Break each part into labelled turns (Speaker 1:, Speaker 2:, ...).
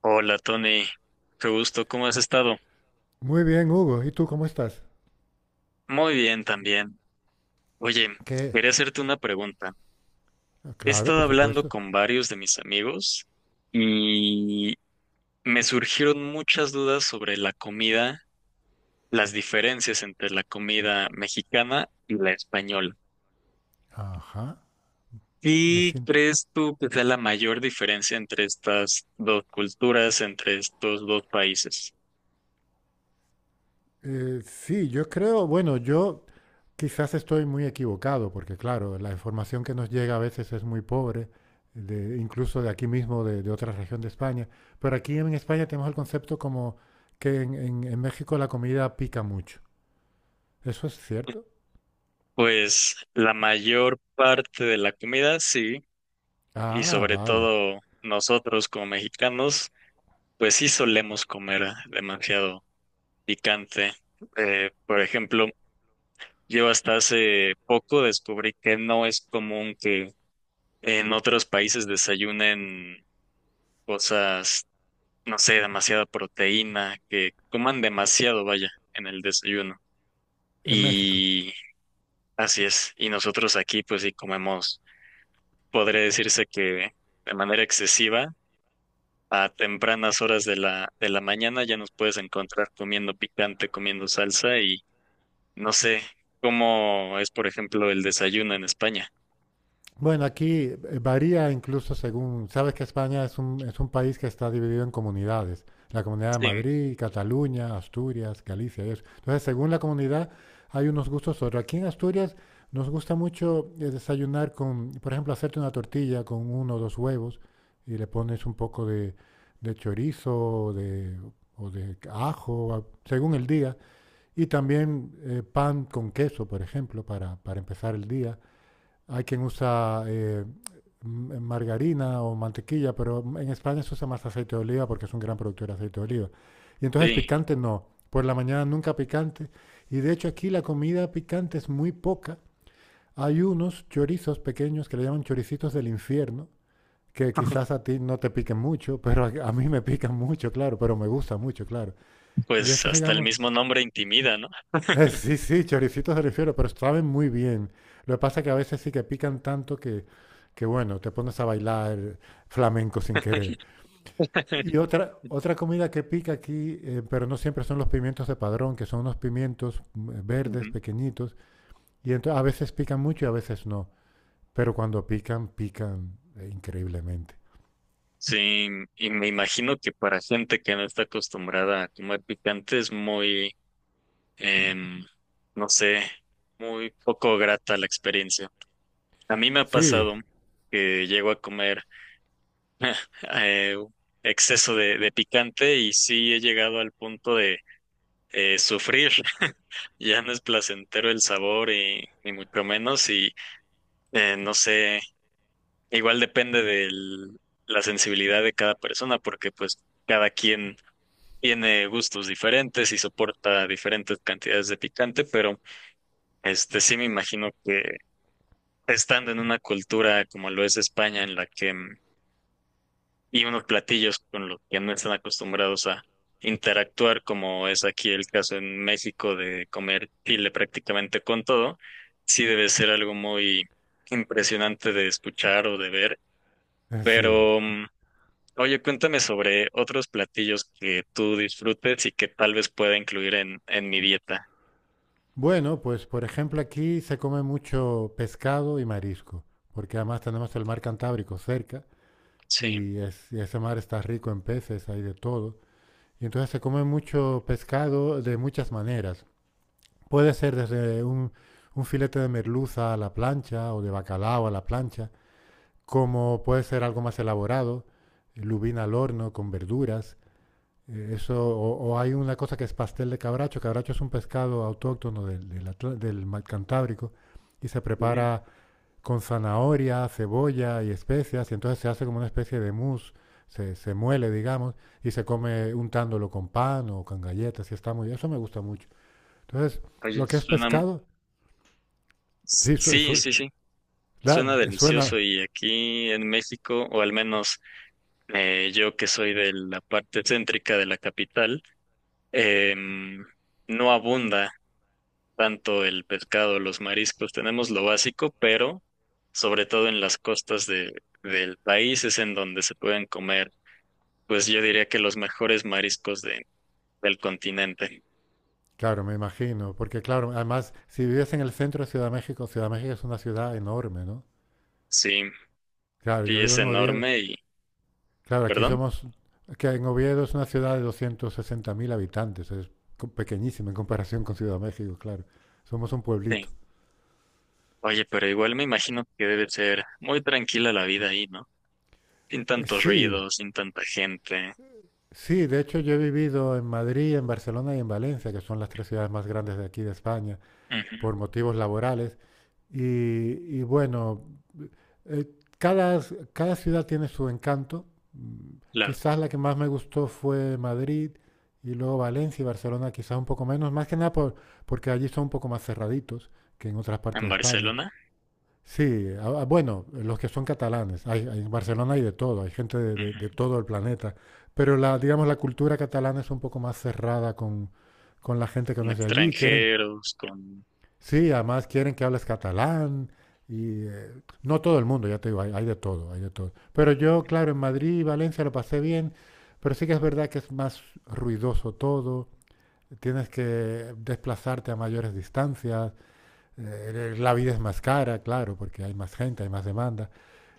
Speaker 1: Hola Tony, qué gusto, ¿cómo has estado?
Speaker 2: Muy bien, Hugo. ¿Y tú cómo estás?
Speaker 1: Muy bien también. Oye,
Speaker 2: ¿Qué?
Speaker 1: quería hacerte una pregunta. He
Speaker 2: Claro,
Speaker 1: estado
Speaker 2: por
Speaker 1: hablando
Speaker 2: supuesto.
Speaker 1: con varios de mis amigos y me surgieron muchas dudas sobre la comida, las diferencias entre la comida mexicana y la española.
Speaker 2: Ajá. Es
Speaker 1: ¿Qué
Speaker 2: in-
Speaker 1: crees tú que sea la mayor diferencia entre estas dos culturas, entre estos dos países?
Speaker 2: sí, yo creo, bueno, yo quizás estoy muy equivocado, porque claro, la información que nos llega a veces es muy pobre, incluso de aquí mismo, de otra región de España. Pero aquí en España tenemos el concepto como que en México la comida pica mucho. ¿Eso es cierto?
Speaker 1: Pues la mayor parte de la comida, sí. Y
Speaker 2: Ah,
Speaker 1: sobre
Speaker 2: vale.
Speaker 1: todo nosotros como mexicanos, pues sí solemos comer demasiado picante. Por ejemplo, yo hasta hace poco descubrí que no es común que en otros países desayunen cosas, no sé, demasiada proteína, que coman demasiado, vaya, en el desayuno.
Speaker 2: En México.
Speaker 1: Y así es. Y nosotros aquí, pues sí comemos, podría decirse que de manera excesiva a tempranas horas de la mañana ya nos puedes encontrar comiendo picante, comiendo salsa y no sé cómo es, por ejemplo, el desayuno en España.
Speaker 2: Bueno, aquí varía incluso según, sabes que España es un país que está dividido en comunidades, la comunidad de
Speaker 1: Sí,
Speaker 2: Madrid, Cataluña, Asturias, Galicia y eso. Entonces, según la comunidad hay unos gustos otros. Aquí en Asturias nos gusta mucho desayunar con, por ejemplo, hacerte una tortilla con uno o dos huevos y le pones un poco de chorizo o de, o de ajo, según el día, y también pan con queso, por ejemplo, para empezar el día. Hay quien usa margarina o mantequilla, pero en España se usa más aceite de oliva porque es un gran productor de aceite de oliva. Y entonces
Speaker 1: sí,
Speaker 2: picante no. Por la mañana nunca picante. Y de hecho aquí la comida picante es muy poca. Hay unos chorizos pequeños que le llaman choricitos del infierno, que quizás a ti no te piquen mucho, pero a mí me pican mucho, claro, pero me gusta mucho, claro. Y
Speaker 1: pues
Speaker 2: eso,
Speaker 1: hasta el
Speaker 2: digamos,
Speaker 1: mismo nombre intimida, ¿no?
Speaker 2: sí, sí, choricitos de refiero, pero saben muy bien. Lo que pasa es que a veces sí que pican tanto que bueno, te pones a bailar flamenco sin querer. Y otra comida que pica aquí, pero no siempre son los pimientos de padrón, que son unos pimientos verdes,
Speaker 1: Ujú.
Speaker 2: pequeñitos, y entonces a veces pican mucho y a veces no. Pero cuando pican, pican increíblemente.
Speaker 1: Sí, y me imagino que para gente que no está acostumbrada a comer picante es muy, em, no sé, muy poco grata la experiencia. A mí me ha
Speaker 2: Sí,
Speaker 1: pasado que llego a comer eh, exceso de picante y sí he llegado al punto de sufrir. Ya no es placentero el sabor y ni mucho menos y no sé, igual depende de la sensibilidad de cada persona porque pues cada quien tiene gustos diferentes y soporta diferentes cantidades de picante, pero este sí me imagino que estando en una cultura como lo es España en la que y unos platillos con los que no están acostumbrados a interactuar, como es aquí el caso en México de comer chile prácticamente con todo, sí debe ser algo muy impresionante de escuchar o de ver.
Speaker 2: sí.
Speaker 1: Pero, oye, cuéntame sobre otros platillos que tú disfrutes y que tal vez pueda incluir en mi dieta.
Speaker 2: Bueno, pues por ejemplo aquí se come mucho pescado y marisco, porque además tenemos el mar Cantábrico cerca.
Speaker 1: Sí.
Speaker 2: Y y ese mar está rico en peces, hay de todo. Y entonces se come mucho pescado de muchas maneras. Puede ser desde un filete de merluza a la plancha o de bacalao a la plancha, como puede ser algo más elaborado, lubina al horno con verduras. Eso, o hay una cosa que es pastel de cabracho. Cabracho es un pescado autóctono del Mar Cantábrico y se
Speaker 1: Sí.
Speaker 2: prepara con zanahoria, cebolla y especias, y entonces se hace como una especie de mousse, se muele, digamos, y se come untándolo con pan o con galletas, y está muy bien. Eso me gusta mucho. Entonces,
Speaker 1: Oye,
Speaker 2: lo que es
Speaker 1: suena,
Speaker 2: pescado, sí,
Speaker 1: sí, sí, sí, suena
Speaker 2: suena,
Speaker 1: delicioso y aquí en México, o al menos yo que soy de la parte céntrica de la capital, em, no abunda tanto el pescado, los mariscos, tenemos lo básico, pero sobre todo en las costas del país es en donde se pueden comer, pues yo diría que los mejores mariscos del continente.
Speaker 2: claro, me imagino, porque claro, además, si vives en el centro de Ciudad de México es una ciudad enorme, ¿no?
Speaker 1: Sí,
Speaker 2: Claro, yo
Speaker 1: sí
Speaker 2: vivo
Speaker 1: es
Speaker 2: en Oviedo,
Speaker 1: enorme y,
Speaker 2: claro, aquí
Speaker 1: perdón,
Speaker 2: somos, que en Oviedo es una ciudad de 260.000 habitantes, es pequeñísima en comparación con Ciudad de México, claro, somos un pueblito.
Speaker 1: sí. Oye, pero igual me imagino que debe ser muy tranquila la vida ahí, ¿no? Sin tantos
Speaker 2: Sí,
Speaker 1: ruidos, sin tanta gente.
Speaker 2: sí, de hecho yo he vivido en Madrid, en Barcelona y en Valencia, que son las tres ciudades más grandes de aquí de España, por
Speaker 1: Ujú.
Speaker 2: motivos laborales. Y, y bueno, eh, cada ciudad tiene su encanto.
Speaker 1: Claro,
Speaker 2: Quizás la que más me gustó fue Madrid y luego Valencia y Barcelona, quizás un poco menos, más que nada porque allí son un poco más cerraditos que en otras partes
Speaker 1: en
Speaker 2: de España.
Speaker 1: Barcelona.
Speaker 2: Sí, ah, ah, bueno, los que son catalanes. En Barcelona hay de todo, hay gente de
Speaker 1: Ujú.
Speaker 2: todo el planeta. Pero la, digamos, la cultura catalana es un poco más cerrada con la gente que
Speaker 1: Con
Speaker 2: no es de allí.
Speaker 1: extranjeros, con
Speaker 2: Sí, además quieren que hables catalán. Y no todo el mundo, ya te digo, hay de todo, hay de todo. Pero yo, claro, en Madrid y Valencia lo pasé bien, pero sí que es verdad que es más ruidoso todo. Tienes que desplazarte a mayores distancias. La vida es más cara, claro, porque hay más gente, hay más demanda.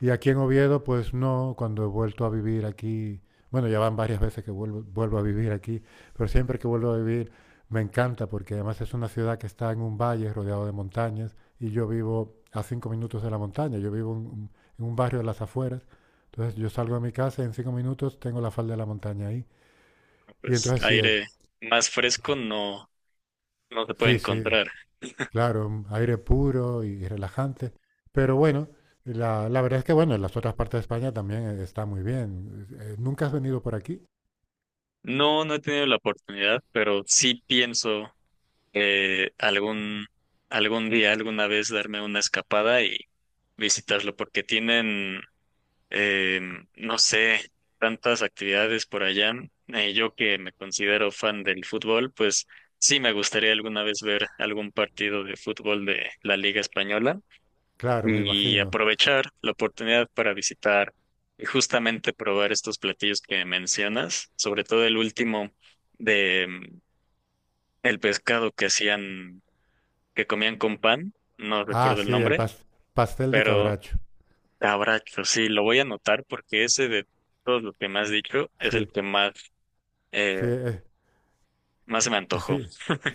Speaker 2: Y aquí en Oviedo, pues no, cuando he vuelto a vivir aquí, bueno, ya van varias veces que vuelvo, vuelvo a vivir aquí, pero siempre que vuelvo a vivir me encanta porque además es una ciudad que está en un valle rodeado de montañas y yo vivo a 5 minutos de la montaña, yo vivo en un barrio de las afueras, entonces yo salgo de mi casa y en 5 minutos tengo la falda de la montaña ahí. Y
Speaker 1: pues
Speaker 2: entonces sí es,
Speaker 1: aire más fresco
Speaker 2: claro.
Speaker 1: no, no se puede
Speaker 2: Sí, sí,
Speaker 1: encontrar.
Speaker 2: claro, aire puro y relajante. Pero bueno, la verdad es que bueno, en las otras partes de España también está muy bien. ¿Nunca has venido por aquí?
Speaker 1: No, no he tenido la oportunidad, pero sí pienso algún, algún día, alguna vez darme una escapada y visitarlo, porque tienen, eh, no sé, tantas actividades por allá. Yo que me considero fan del fútbol, pues sí me gustaría alguna vez ver algún partido de fútbol de la Liga Española
Speaker 2: Claro, me
Speaker 1: y
Speaker 2: imagino.
Speaker 1: aprovechar la oportunidad para visitar y justamente probar estos platillos que mencionas, sobre todo el último de el pescado que hacían, que comían con pan, no
Speaker 2: Ah,
Speaker 1: recuerdo el
Speaker 2: sí, el
Speaker 1: nombre,
Speaker 2: pastel de
Speaker 1: pero
Speaker 2: cabracho.
Speaker 1: abracho, sí, lo voy a anotar porque ese de todos los que me has dicho es el
Speaker 2: Sí,
Speaker 1: que más,
Speaker 2: sí,
Speaker 1: eh, más se me antojó.
Speaker 2: sí,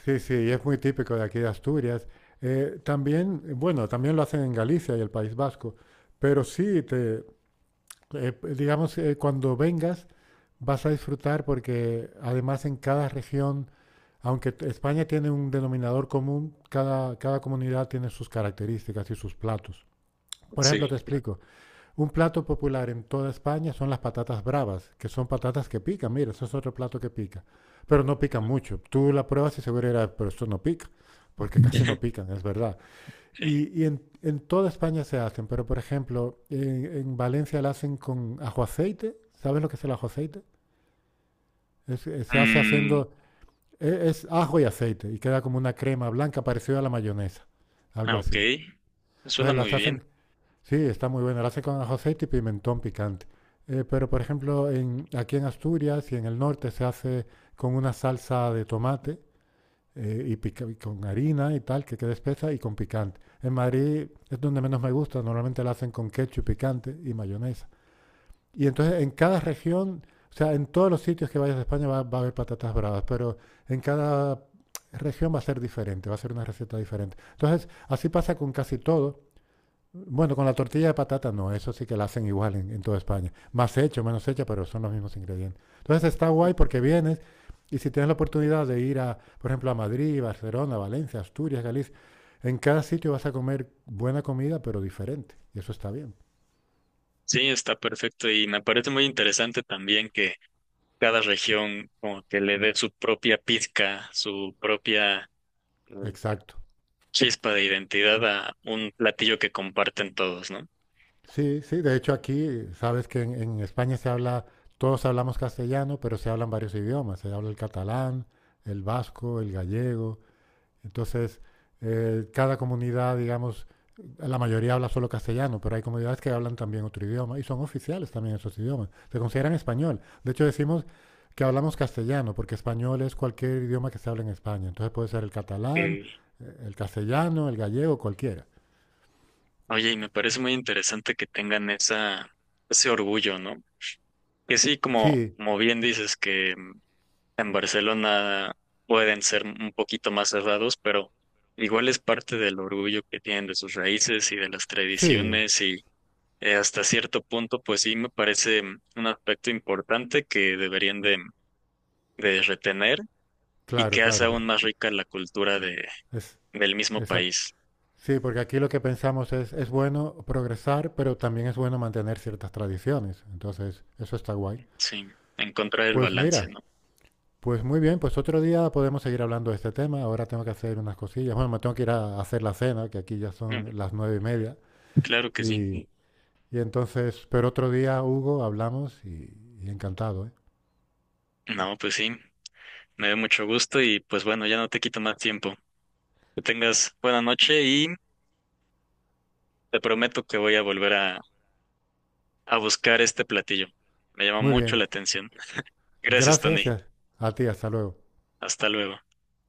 Speaker 2: sí, sí, y es muy típico de aquí de Asturias. También, bueno, también lo hacen en Galicia y el País Vasco. Pero sí, digamos, cuando vengas vas a disfrutar porque además en cada región aunque España tiene un denominador común, cada comunidad tiene sus características y sus platos. Por ejemplo,
Speaker 1: Sí.
Speaker 2: te
Speaker 1: Claro.
Speaker 2: explico, un plato popular en toda España son las patatas bravas, que son patatas que pican, mira, eso es otro plato que pica, pero no pican mucho. Tú la pruebas y seguro dirás, pero esto no pica, porque casi no pican, es verdad.
Speaker 1: Sí.
Speaker 2: Y en toda España se hacen, pero por ejemplo, en Valencia la hacen con ajo aceite, ¿sabes lo que es el ajo aceite? Se hace
Speaker 1: Mm,
Speaker 2: haciendo es ajo y aceite y queda como una crema blanca parecida a la mayonesa, algo
Speaker 1: ah, ok.
Speaker 2: así.
Speaker 1: Suena
Speaker 2: Entonces las
Speaker 1: muy bien.
Speaker 2: hacen, sí, está muy buena, las hacen con ajo, aceite y pimentón picante. Pero por ejemplo, aquí en Asturias y en el norte se hace con una salsa de tomate y con harina y tal, que queda espesa y con picante. En Madrid es donde menos me gusta, normalmente la hacen con ketchup picante y mayonesa. Y entonces en cada región, o sea, en todos los sitios que vayas de España va, va a haber patatas bravas, pero en cada región va a ser diferente, va a ser una receta diferente. Entonces, así pasa con casi todo. Bueno, con la tortilla de patata no, eso sí que la hacen igual en toda España. Más hecho, menos hecha, pero son los mismos ingredientes. Entonces está guay porque vienes y si tienes la oportunidad de ir a, por ejemplo, a Madrid, Barcelona, Valencia, Asturias, Galicia, en cada sitio vas a comer buena comida, pero diferente. Y eso está bien.
Speaker 1: Sí, está perfecto y me parece muy interesante también que cada región como que le dé su propia pizca, su propia mm,
Speaker 2: Exacto.
Speaker 1: chispa de identidad a un platillo que comparten todos, ¿no?
Speaker 2: Sí, sí, de hecho aquí, sabes que en España se habla, todos hablamos castellano, pero se hablan varios idiomas, se habla el catalán, el vasco, el gallego, entonces cada comunidad, digamos, la mayoría habla solo castellano, pero hay comunidades que hablan también otro idioma y son oficiales también esos idiomas, se consideran español, de hecho decimos que hablamos castellano, porque español es cualquier idioma que se habla en España, entonces puede ser el catalán,
Speaker 1: Y,
Speaker 2: el castellano, el gallego, cualquiera.
Speaker 1: oye, y me parece muy interesante que tengan esa, ese orgullo, ¿no? Que sí, como,
Speaker 2: Sí,
Speaker 1: como bien dices, que en Barcelona pueden ser un poquito más cerrados, pero igual es parte del orgullo que tienen de sus raíces y de las
Speaker 2: sí,
Speaker 1: tradiciones hasta cierto punto, pues sí me parece un aspecto importante que deberían de retener y
Speaker 2: claro,
Speaker 1: que hace
Speaker 2: claro,
Speaker 1: aún
Speaker 2: porque
Speaker 1: más rica la cultura
Speaker 2: es.
Speaker 1: del mismo
Speaker 2: Exacto.
Speaker 1: país.
Speaker 2: Sí, porque aquí lo que pensamos es bueno progresar, pero también es bueno mantener ciertas tradiciones. Entonces, eso está guay.
Speaker 1: Sí, encontrar el
Speaker 2: Pues
Speaker 1: balance,
Speaker 2: mira,
Speaker 1: ¿no?
Speaker 2: pues muy bien, pues otro día podemos seguir hablando de este tema. Ahora tengo que hacer unas cosillas. Bueno, me tengo que ir a hacer la cena, que aquí ya
Speaker 1: Mm,
Speaker 2: son las 9:30.
Speaker 1: claro que sí.
Speaker 2: Y, y entonces, pero otro día, Hugo, hablamos y encantado, ¿eh?
Speaker 1: No, pues sí, me da mucho gusto y pues bueno, ya no te quito más tiempo. Que tengas buena noche y te prometo que voy a volver a buscar este platillo. Me llama
Speaker 2: Muy
Speaker 1: mucho
Speaker 2: bien.
Speaker 1: la atención. Gracias,
Speaker 2: Gracias
Speaker 1: Tony.
Speaker 2: y a ti, hasta luego.
Speaker 1: Hasta luego.